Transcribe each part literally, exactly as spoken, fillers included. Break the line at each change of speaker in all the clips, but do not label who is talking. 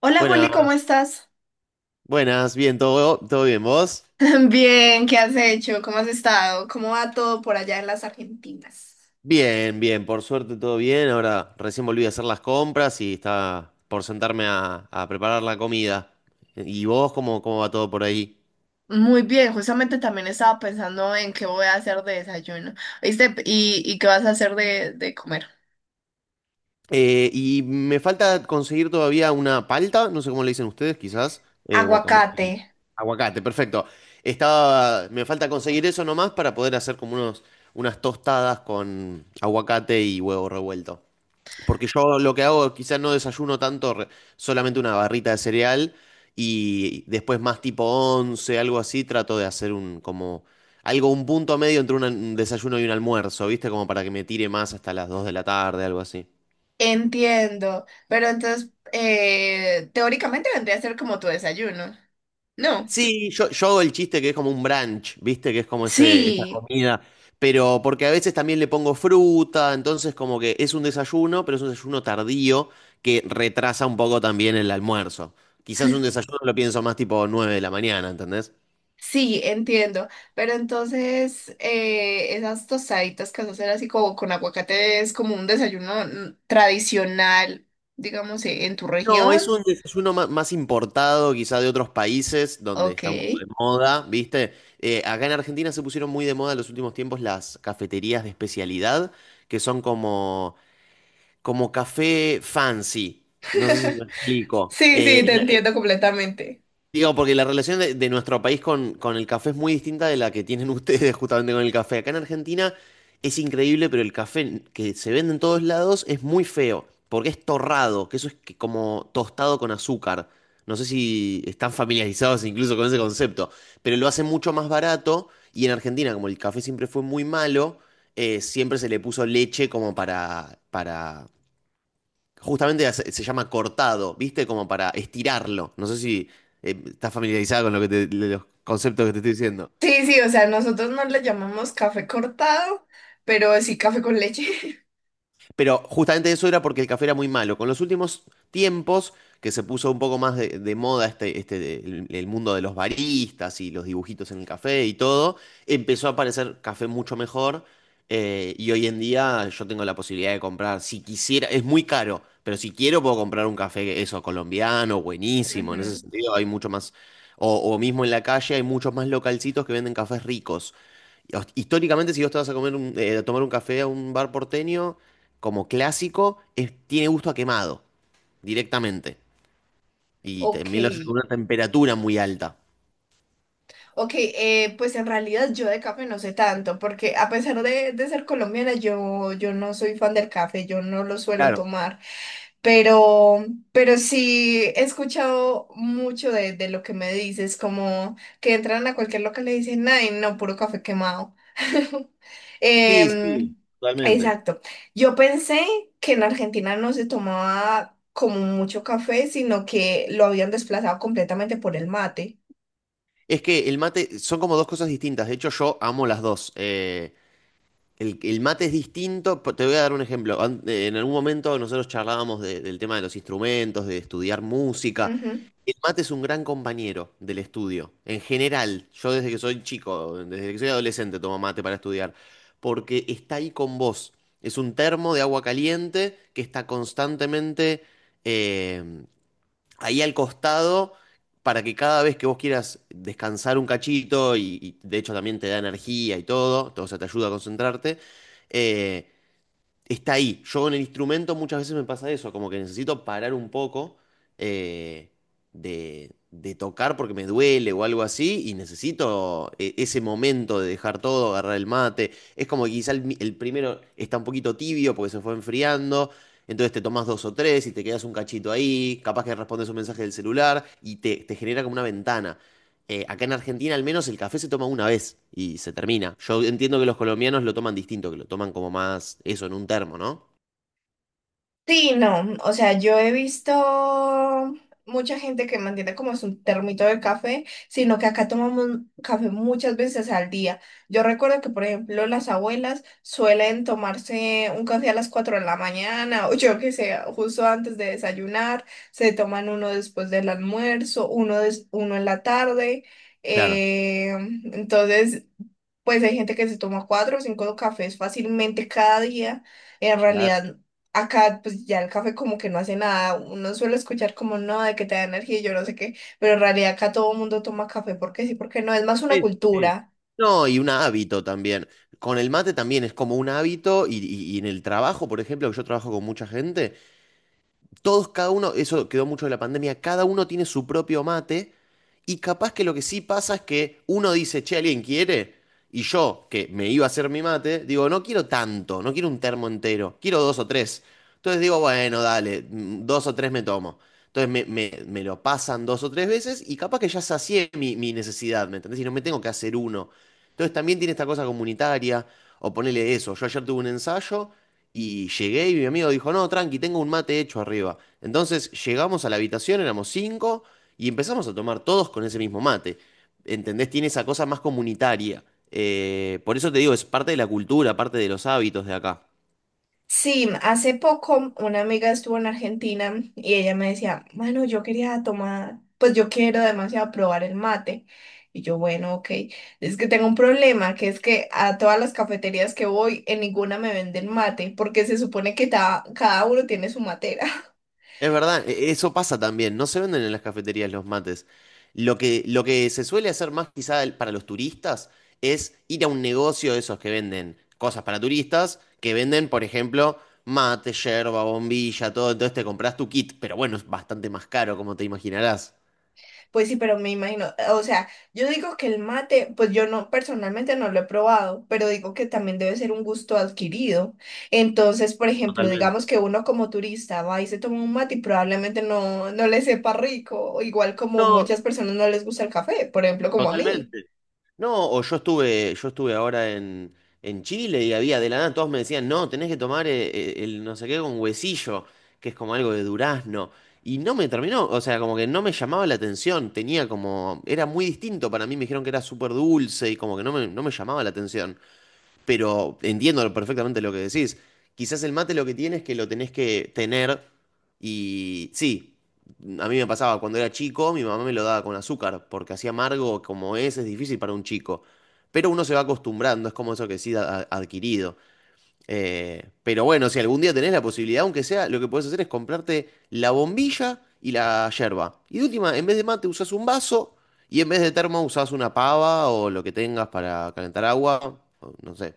Hola Juli, ¿cómo
Buenas,
estás?
buenas, bien, todo, todo bien, ¿vos?
Bien, ¿qué has hecho? ¿Cómo has estado? ¿Cómo va todo por allá en las Argentinas?
Bien, bien, por suerte todo bien. Ahora recién volví a hacer las compras y está por sentarme a, a preparar la comida. ¿Y vos cómo, cómo va todo por ahí?
Muy bien, justamente también estaba pensando en qué voy a hacer de desayuno. ¿Viste? ¿Y, y qué vas a hacer de, de comer?
Eh, y me falta conseguir todavía una palta, no sé cómo le dicen ustedes, quizás. Eh, guacamo-
Aguacate,
eh, Aguacate, perfecto. Estaba, me falta conseguir eso nomás para poder hacer como unos, unas tostadas con aguacate y huevo revuelto. Porque yo lo que hago, quizás no desayuno tanto. Re- solamente una barrita de cereal, y después más tipo once algo así, trato de hacer un como algo, un punto medio entre una- un desayuno y un almuerzo, ¿viste? Como para que me tire más hasta las dos de la tarde, algo así.
entiendo. Pero entonces, eh, teóricamente vendría a ser como tu desayuno. No.
Sí, yo, yo hago el chiste que es como un brunch, ¿viste? Que es como ese, esa
Sí,
comida. Pero porque a veces también le pongo fruta, entonces como que es un desayuno, pero es un desayuno tardío que retrasa un poco también el almuerzo. Quizás un desayuno lo pienso más tipo nueve de la mañana, ¿entendés?
sí, entiendo. Pero entonces, eh, esas tostaditas que vas a hacer así como con aguacate es como un desayuno mm, tradicional, digamos, eh, en tu
No,
región.
es un desayuno ma- más importado quizá de otros países donde
Ok.
está un poco de
Sí,
moda, ¿viste? Eh, acá en Argentina se pusieron muy de moda en los últimos tiempos las cafeterías de especialidad, que son como como café fancy. No sé si me explico.
sí,
Eh,
te
eh,
entiendo completamente.
digo, porque la relación de, de nuestro país con, con el café es muy distinta de la que tienen ustedes, justamente, con el café. Acá en Argentina es increíble, pero el café que se vende en todos lados es muy feo, porque es torrado, que eso es que como tostado con azúcar. No sé si están familiarizados incluso con ese concepto, pero lo hace mucho más barato. Y en Argentina, como el café siempre fue muy malo, eh, siempre se le puso leche como para, para justamente se, se llama cortado, ¿viste? Como para estirarlo. No sé si eh, estás familiarizada con lo que te- los conceptos que te estoy diciendo.
Sí, sí, o sea, nosotros no le llamamos café cortado, pero sí café con leche.
Pero justamente eso era porque el café era muy malo. Con los últimos tiempos, que se puso un poco más de, de moda este, este, el, el mundo de los baristas y los dibujitos en el café y todo, empezó a aparecer café mucho mejor. eh, y hoy en día yo tengo la posibilidad de comprar, si quisiera, es muy caro, pero si quiero puedo comprar un café, eso, colombiano, buenísimo. En ese
Ujú.
sentido hay mucho más, o, o mismo en la calle hay muchos más localcitos que venden cafés ricos. hos- Históricamente, si vos te vas a comer un- eh, a tomar un café a un bar porteño, como clásico, es- tiene gusto a quemado, directamente. Y
Ok,
también lo hace con una temperatura muy alta.
ok, eh, pues en realidad yo de café no sé tanto, porque a pesar de, de ser colombiana, yo, yo no soy fan del café, yo no lo suelo
Claro.
tomar. Pero, pero sí he escuchado mucho de, de lo que me dices, como que entran a cualquier local y le dicen, ay, no, puro café quemado.
Sí, sí,
Em,
totalmente.
exacto. Yo pensé que en Argentina no se tomaba como mucho café, sino que lo habían desplazado completamente por el mate.
Es que el mate son como dos cosas distintas. De hecho, yo amo las dos. Eh, el, el mate es distinto. po- Te voy a dar un ejemplo. An- eh, En algún momento nosotros charlábamos de- del tema de los instrumentos, de estudiar música. El mate es un gran compañero del estudio, en general. Yo desde que soy chico, desde que soy adolescente tomo mate para estudiar, porque está ahí con vos. Es un termo de agua caliente que está constantemente, eh, ahí al costado, para que cada vez que vos quieras descansar un cachito. Y, y de hecho también te da energía y todo, todo, o sea, te ayuda a concentrarte. eh, Está ahí. Yo con el instrumento muchas veces me pasa eso, como que necesito parar un poco, eh, de, de tocar porque me duele o algo así, y necesito, eh, ese momento de dejar todo, agarrar el mate. Es como que quizá el, mi- el primero está un poquito tibio porque se fue enfriando. Entonces te tomas dos o tres y te quedas un cachito ahí, capaz que respondes un mensaje del celular y te, te genera como una ventana. Eh, acá en Argentina, al menos, el café se toma una vez y se termina. Yo entiendo que los colombianos lo toman distinto, que lo toman como más eso en un termo, ¿no?
Sí, no, o sea, yo he visto mucha gente que mantiene como su termito de café, sino que acá tomamos café muchas veces al día. Yo recuerdo que, por ejemplo, las abuelas suelen tomarse un café a las cuatro de la mañana, o yo que sé, justo antes de desayunar, se toman uno después del almuerzo, uno, des- uno en la tarde.
Claro.
eh, entonces, pues hay gente que se toma cuatro o cinco cafés fácilmente cada día. En
Claro.
realidad. Acá, pues ya el café como que no hace nada. Uno suele escuchar como no, de que te da energía y yo no sé qué, pero en realidad acá todo el mundo toma café porque sí, porque no, es más una
Sí, sí.
cultura.
No, y un hábito también. Con el mate también es como un hábito, y, y- y en el trabajo, por ejemplo, que yo trabajo con mucha gente, todos, cada uno, eso quedó mucho de la pandemia, cada uno tiene su propio mate. Y capaz que lo que sí pasa es que uno dice, che, ¿alguien quiere? Y yo, que me iba a hacer mi mate, digo, no quiero tanto, no quiero un termo entero, quiero dos o tres. Entonces digo, bueno, dale, mm, dos o tres me tomo. Entonces me, me- me lo pasan dos o tres veces y capaz que ya sacié mi, mi necesidad, ¿me entendés? Y no me tengo que hacer uno. Entonces también tiene esta cosa comunitaria, o ponele eso, yo ayer tuve un ensayo y llegué y mi amigo dijo, no, tranqui, tengo un mate hecho arriba. Entonces llegamos a la habitación, éramos cinco, y empezamos a tomar todos con ese mismo mate. ¿Entendés? Tiene esa cosa más comunitaria. Eh, por eso te digo, es parte de la cultura, parte de los hábitos de acá.
Sí, hace poco una amiga estuvo en Argentina y ella me decía, bueno, yo quería tomar, pues yo quiero demasiado probar el mate. Y yo, bueno, ok, es que tengo un problema, que es que a todas las cafeterías que voy, en ninguna me venden mate, porque se supone que ta- cada uno tiene su matera.
Es verdad, e- eso pasa también. No se venden en las cafeterías los mates. Lo que, lo que se suele hacer más, quizá, el- para los turistas, es ir a un negocio de esos que venden cosas para turistas, que venden, por ejemplo, mate, yerba, bombilla, todo. Entonces te compras tu kit, pero bueno, es bastante más caro, como te imaginarás.
Pues sí, pero me imagino, o sea, yo digo que el mate, pues yo no, personalmente no lo he probado, pero digo que también debe ser un gusto adquirido. Entonces, por ejemplo,
Totalmente.
digamos que uno como turista va y se toma un mate y probablemente no, no le sepa rico, o igual como
No,
muchas personas no les gusta el café, por ejemplo, como a mí.
totalmente. No, o yo estuve, yo estuve, ahora en, en Chile, y había, de la nada, todos me decían, no, tenés que tomar, eh, eh, el, no sé qué, con huesillo, que es como algo de durazno. Y no me terminó, o sea, como que no me llamaba la atención, tenía como, era muy distinto para mí, me dijeron que era súper dulce y como que no me, no me llamaba la atención, pero entiendo perfectamente lo que decís. Quizás el mate lo que tiene es que lo tenés que tener. Y sí, a mí me pasaba cuando era chico, mi mamá me lo daba con azúcar, porque así amargo como es, es difícil para un chico. Pero uno se va acostumbrando, es como eso que sí ha- adquirido. Eh, pero bueno, si algún día tenés la posibilidad, aunque sea, lo que podés hacer es comprarte la bombilla y la yerba. Y de última, en vez de mate usás un vaso, y en vez de termo usás una pava o lo que tengas para calentar agua, o no sé.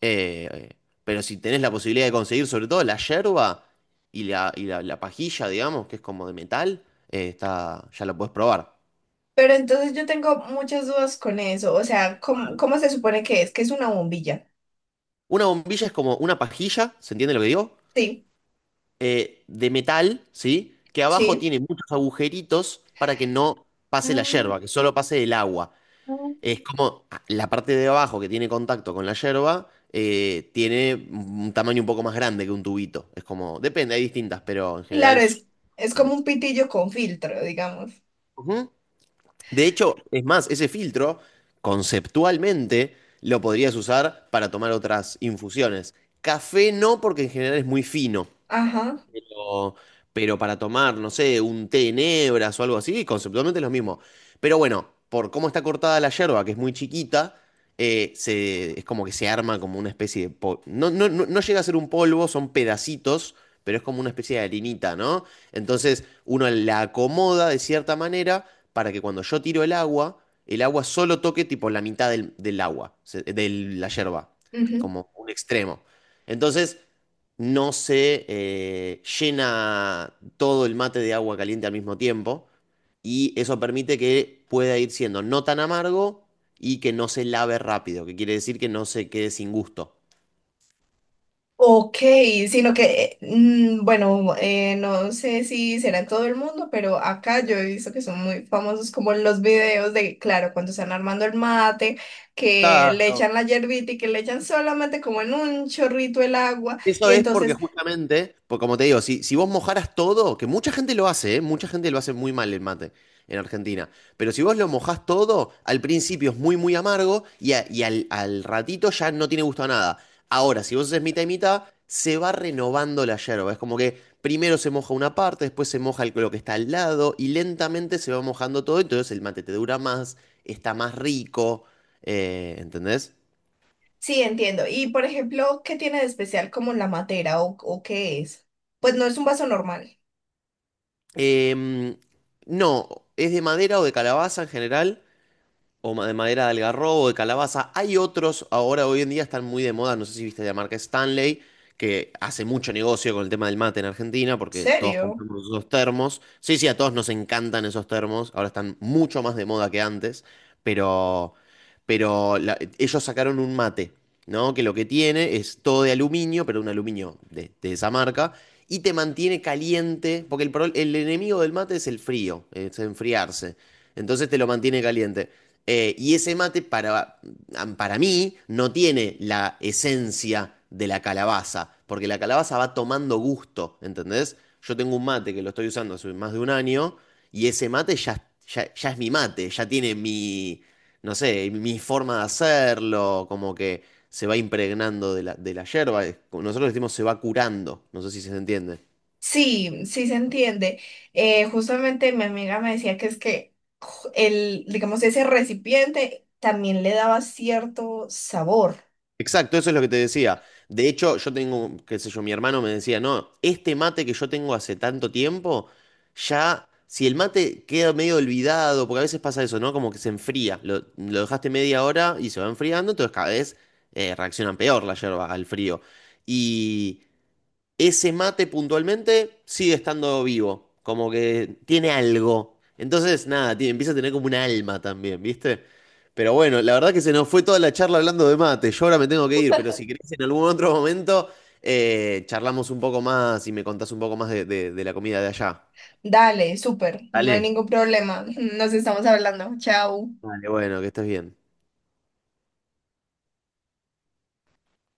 Eh, pero si tenés la posibilidad de conseguir, sobre todo, la yerba y la, y la, la pajilla, digamos, que es como de metal, eh, está, ya la podés probar.
Pero entonces yo tengo muchas dudas con eso, o sea, ¿cómo, cómo se supone que es? Que es una bombilla.
Una bombilla es como una pajilla, ¿se entiende lo que digo?
Sí,
Eh, de metal, ¿sí? Que abajo
sí.
tiene muchos agujeritos para que no pase la
Ah.
yerba, que solo pase el agua.
Mm.
Es como, ah, la parte de abajo que tiene contacto con la yerba, eh, tiene un tamaño un poco más grande que un tubito. Es como, depende, hay distintas, pero en general
Claro,
es...
es, es como
grande.
un pitillo con filtro, digamos.
Ujú. De hecho, es más, ese filtro, conceptualmente, lo podrías usar para tomar otras infusiones. Café no, porque en general es muy fino,
Ajá.
pero, pero para tomar, no sé, un té en hebras o algo así, conceptualmente es lo mismo. Pero bueno, por cómo está cortada la yerba, que es muy chiquita, eh, se, es como que se arma como una especie de... pol- No, no, no, no llega a ser un polvo, son pedacitos, pero es como una especie de harinita, ¿no? Entonces uno la acomoda de cierta manera, para que cuando yo tiro el agua, el agua solo toque tipo la mitad del, del agua, se- de la yerba,
Ujú.
como un extremo. Entonces no se, eh, llena todo el mate de agua caliente al mismo tiempo, y eso permite que pueda ir siendo no tan amargo y que no se lave rápido, que quiere decir que no se quede sin gusto.
Ok, sino que, eh, mm, bueno, eh, no sé si será en todo el mundo, pero acá yo he visto que son muy famosos como los videos de, claro, cuando están armando el mate, que le
Claro.
echan la yerbita y que le echan solamente como en un chorrito el agua.
Eso
Y
es porque
entonces,
justamente, pues como te digo, si, si vos mojaras todo, que mucha gente lo hace, ¿eh? Mucha gente lo hace muy mal, el mate en Argentina, pero si vos lo mojás todo, al principio es muy, muy amargo, y, a- y al, al ratito ya no tiene gusto a nada. Ahora, si vos haces mitad y mitad, se va renovando la yerba. Es como que primero se moja una parte, después se moja el- lo que está al lado, y lentamente se va mojando todo, entonces el mate te dura más, está más rico, eh, ¿entendés?
sí, entiendo. Y por ejemplo, ¿qué tiene de especial como la matera o, o qué es? Pues no es un vaso normal.
Em, no, es de madera o de calabaza, en general. O ma- de madera de algarrobo, o de calabaza. Hay otros, ahora hoy en día están muy de moda, no sé si viste la marca Stanley, que hace mucho negocio con el tema del mate en Argentina, porque todos
¿Serio?
compramos esos termos. Sí, sí, a todos nos encantan esos termos, ahora están mucho más de moda que antes, pero, pero la- ellos sacaron un mate, ¿no? Que lo que tiene es todo de aluminio, pero un aluminio de, de esa marca. Y te mantiene caliente, porque el, pro- el enemigo del mate es el frío, es enfriarse. Entonces te lo mantiene caliente. Eh, y ese mate, para, para mí no tiene la esencia de la calabaza, porque la calabaza va tomando gusto, ¿entendés? Yo tengo un mate que lo estoy usando hace más de un año, y ese mate ya, ya, ya es mi mate, ya tiene mi, no sé, mi forma de hacerlo, como que se va impregnando de la, de la yerba. Nosotros decimos se va curando, no sé si se entiende.
Sí, sí se entiende. Eh, justamente mi amiga me decía que es que ju- el, digamos, ese recipiente también le daba cierto sabor.
Exacto, eso es lo que te decía. De hecho, yo tengo, qué sé yo, mi hermano me decía, no, este mate que yo tengo hace tanto tiempo, ya, si el mate queda medio olvidado, porque a veces pasa eso, ¿no? Como que se enfría, lo, lo dejaste media hora y se va enfriando, entonces cada vez, eh, reaccionan peor la yerba al frío. Y ese mate, puntualmente, sigue estando vivo, como que tiene algo. Entonces, nada, tiene- empieza a tener como un alma también, ¿viste? Pero bueno, la verdad que se nos fue toda la charla hablando de mate. Yo ahora me tengo que ir, pero si querés en algún otro momento, eh, charlamos un poco más y me contás un poco más de, de de la comida de allá.
Dale, súper, no hay
¿Vale?
ningún problema. Nos estamos hablando. Chao.
Vale, bueno, que estés bien.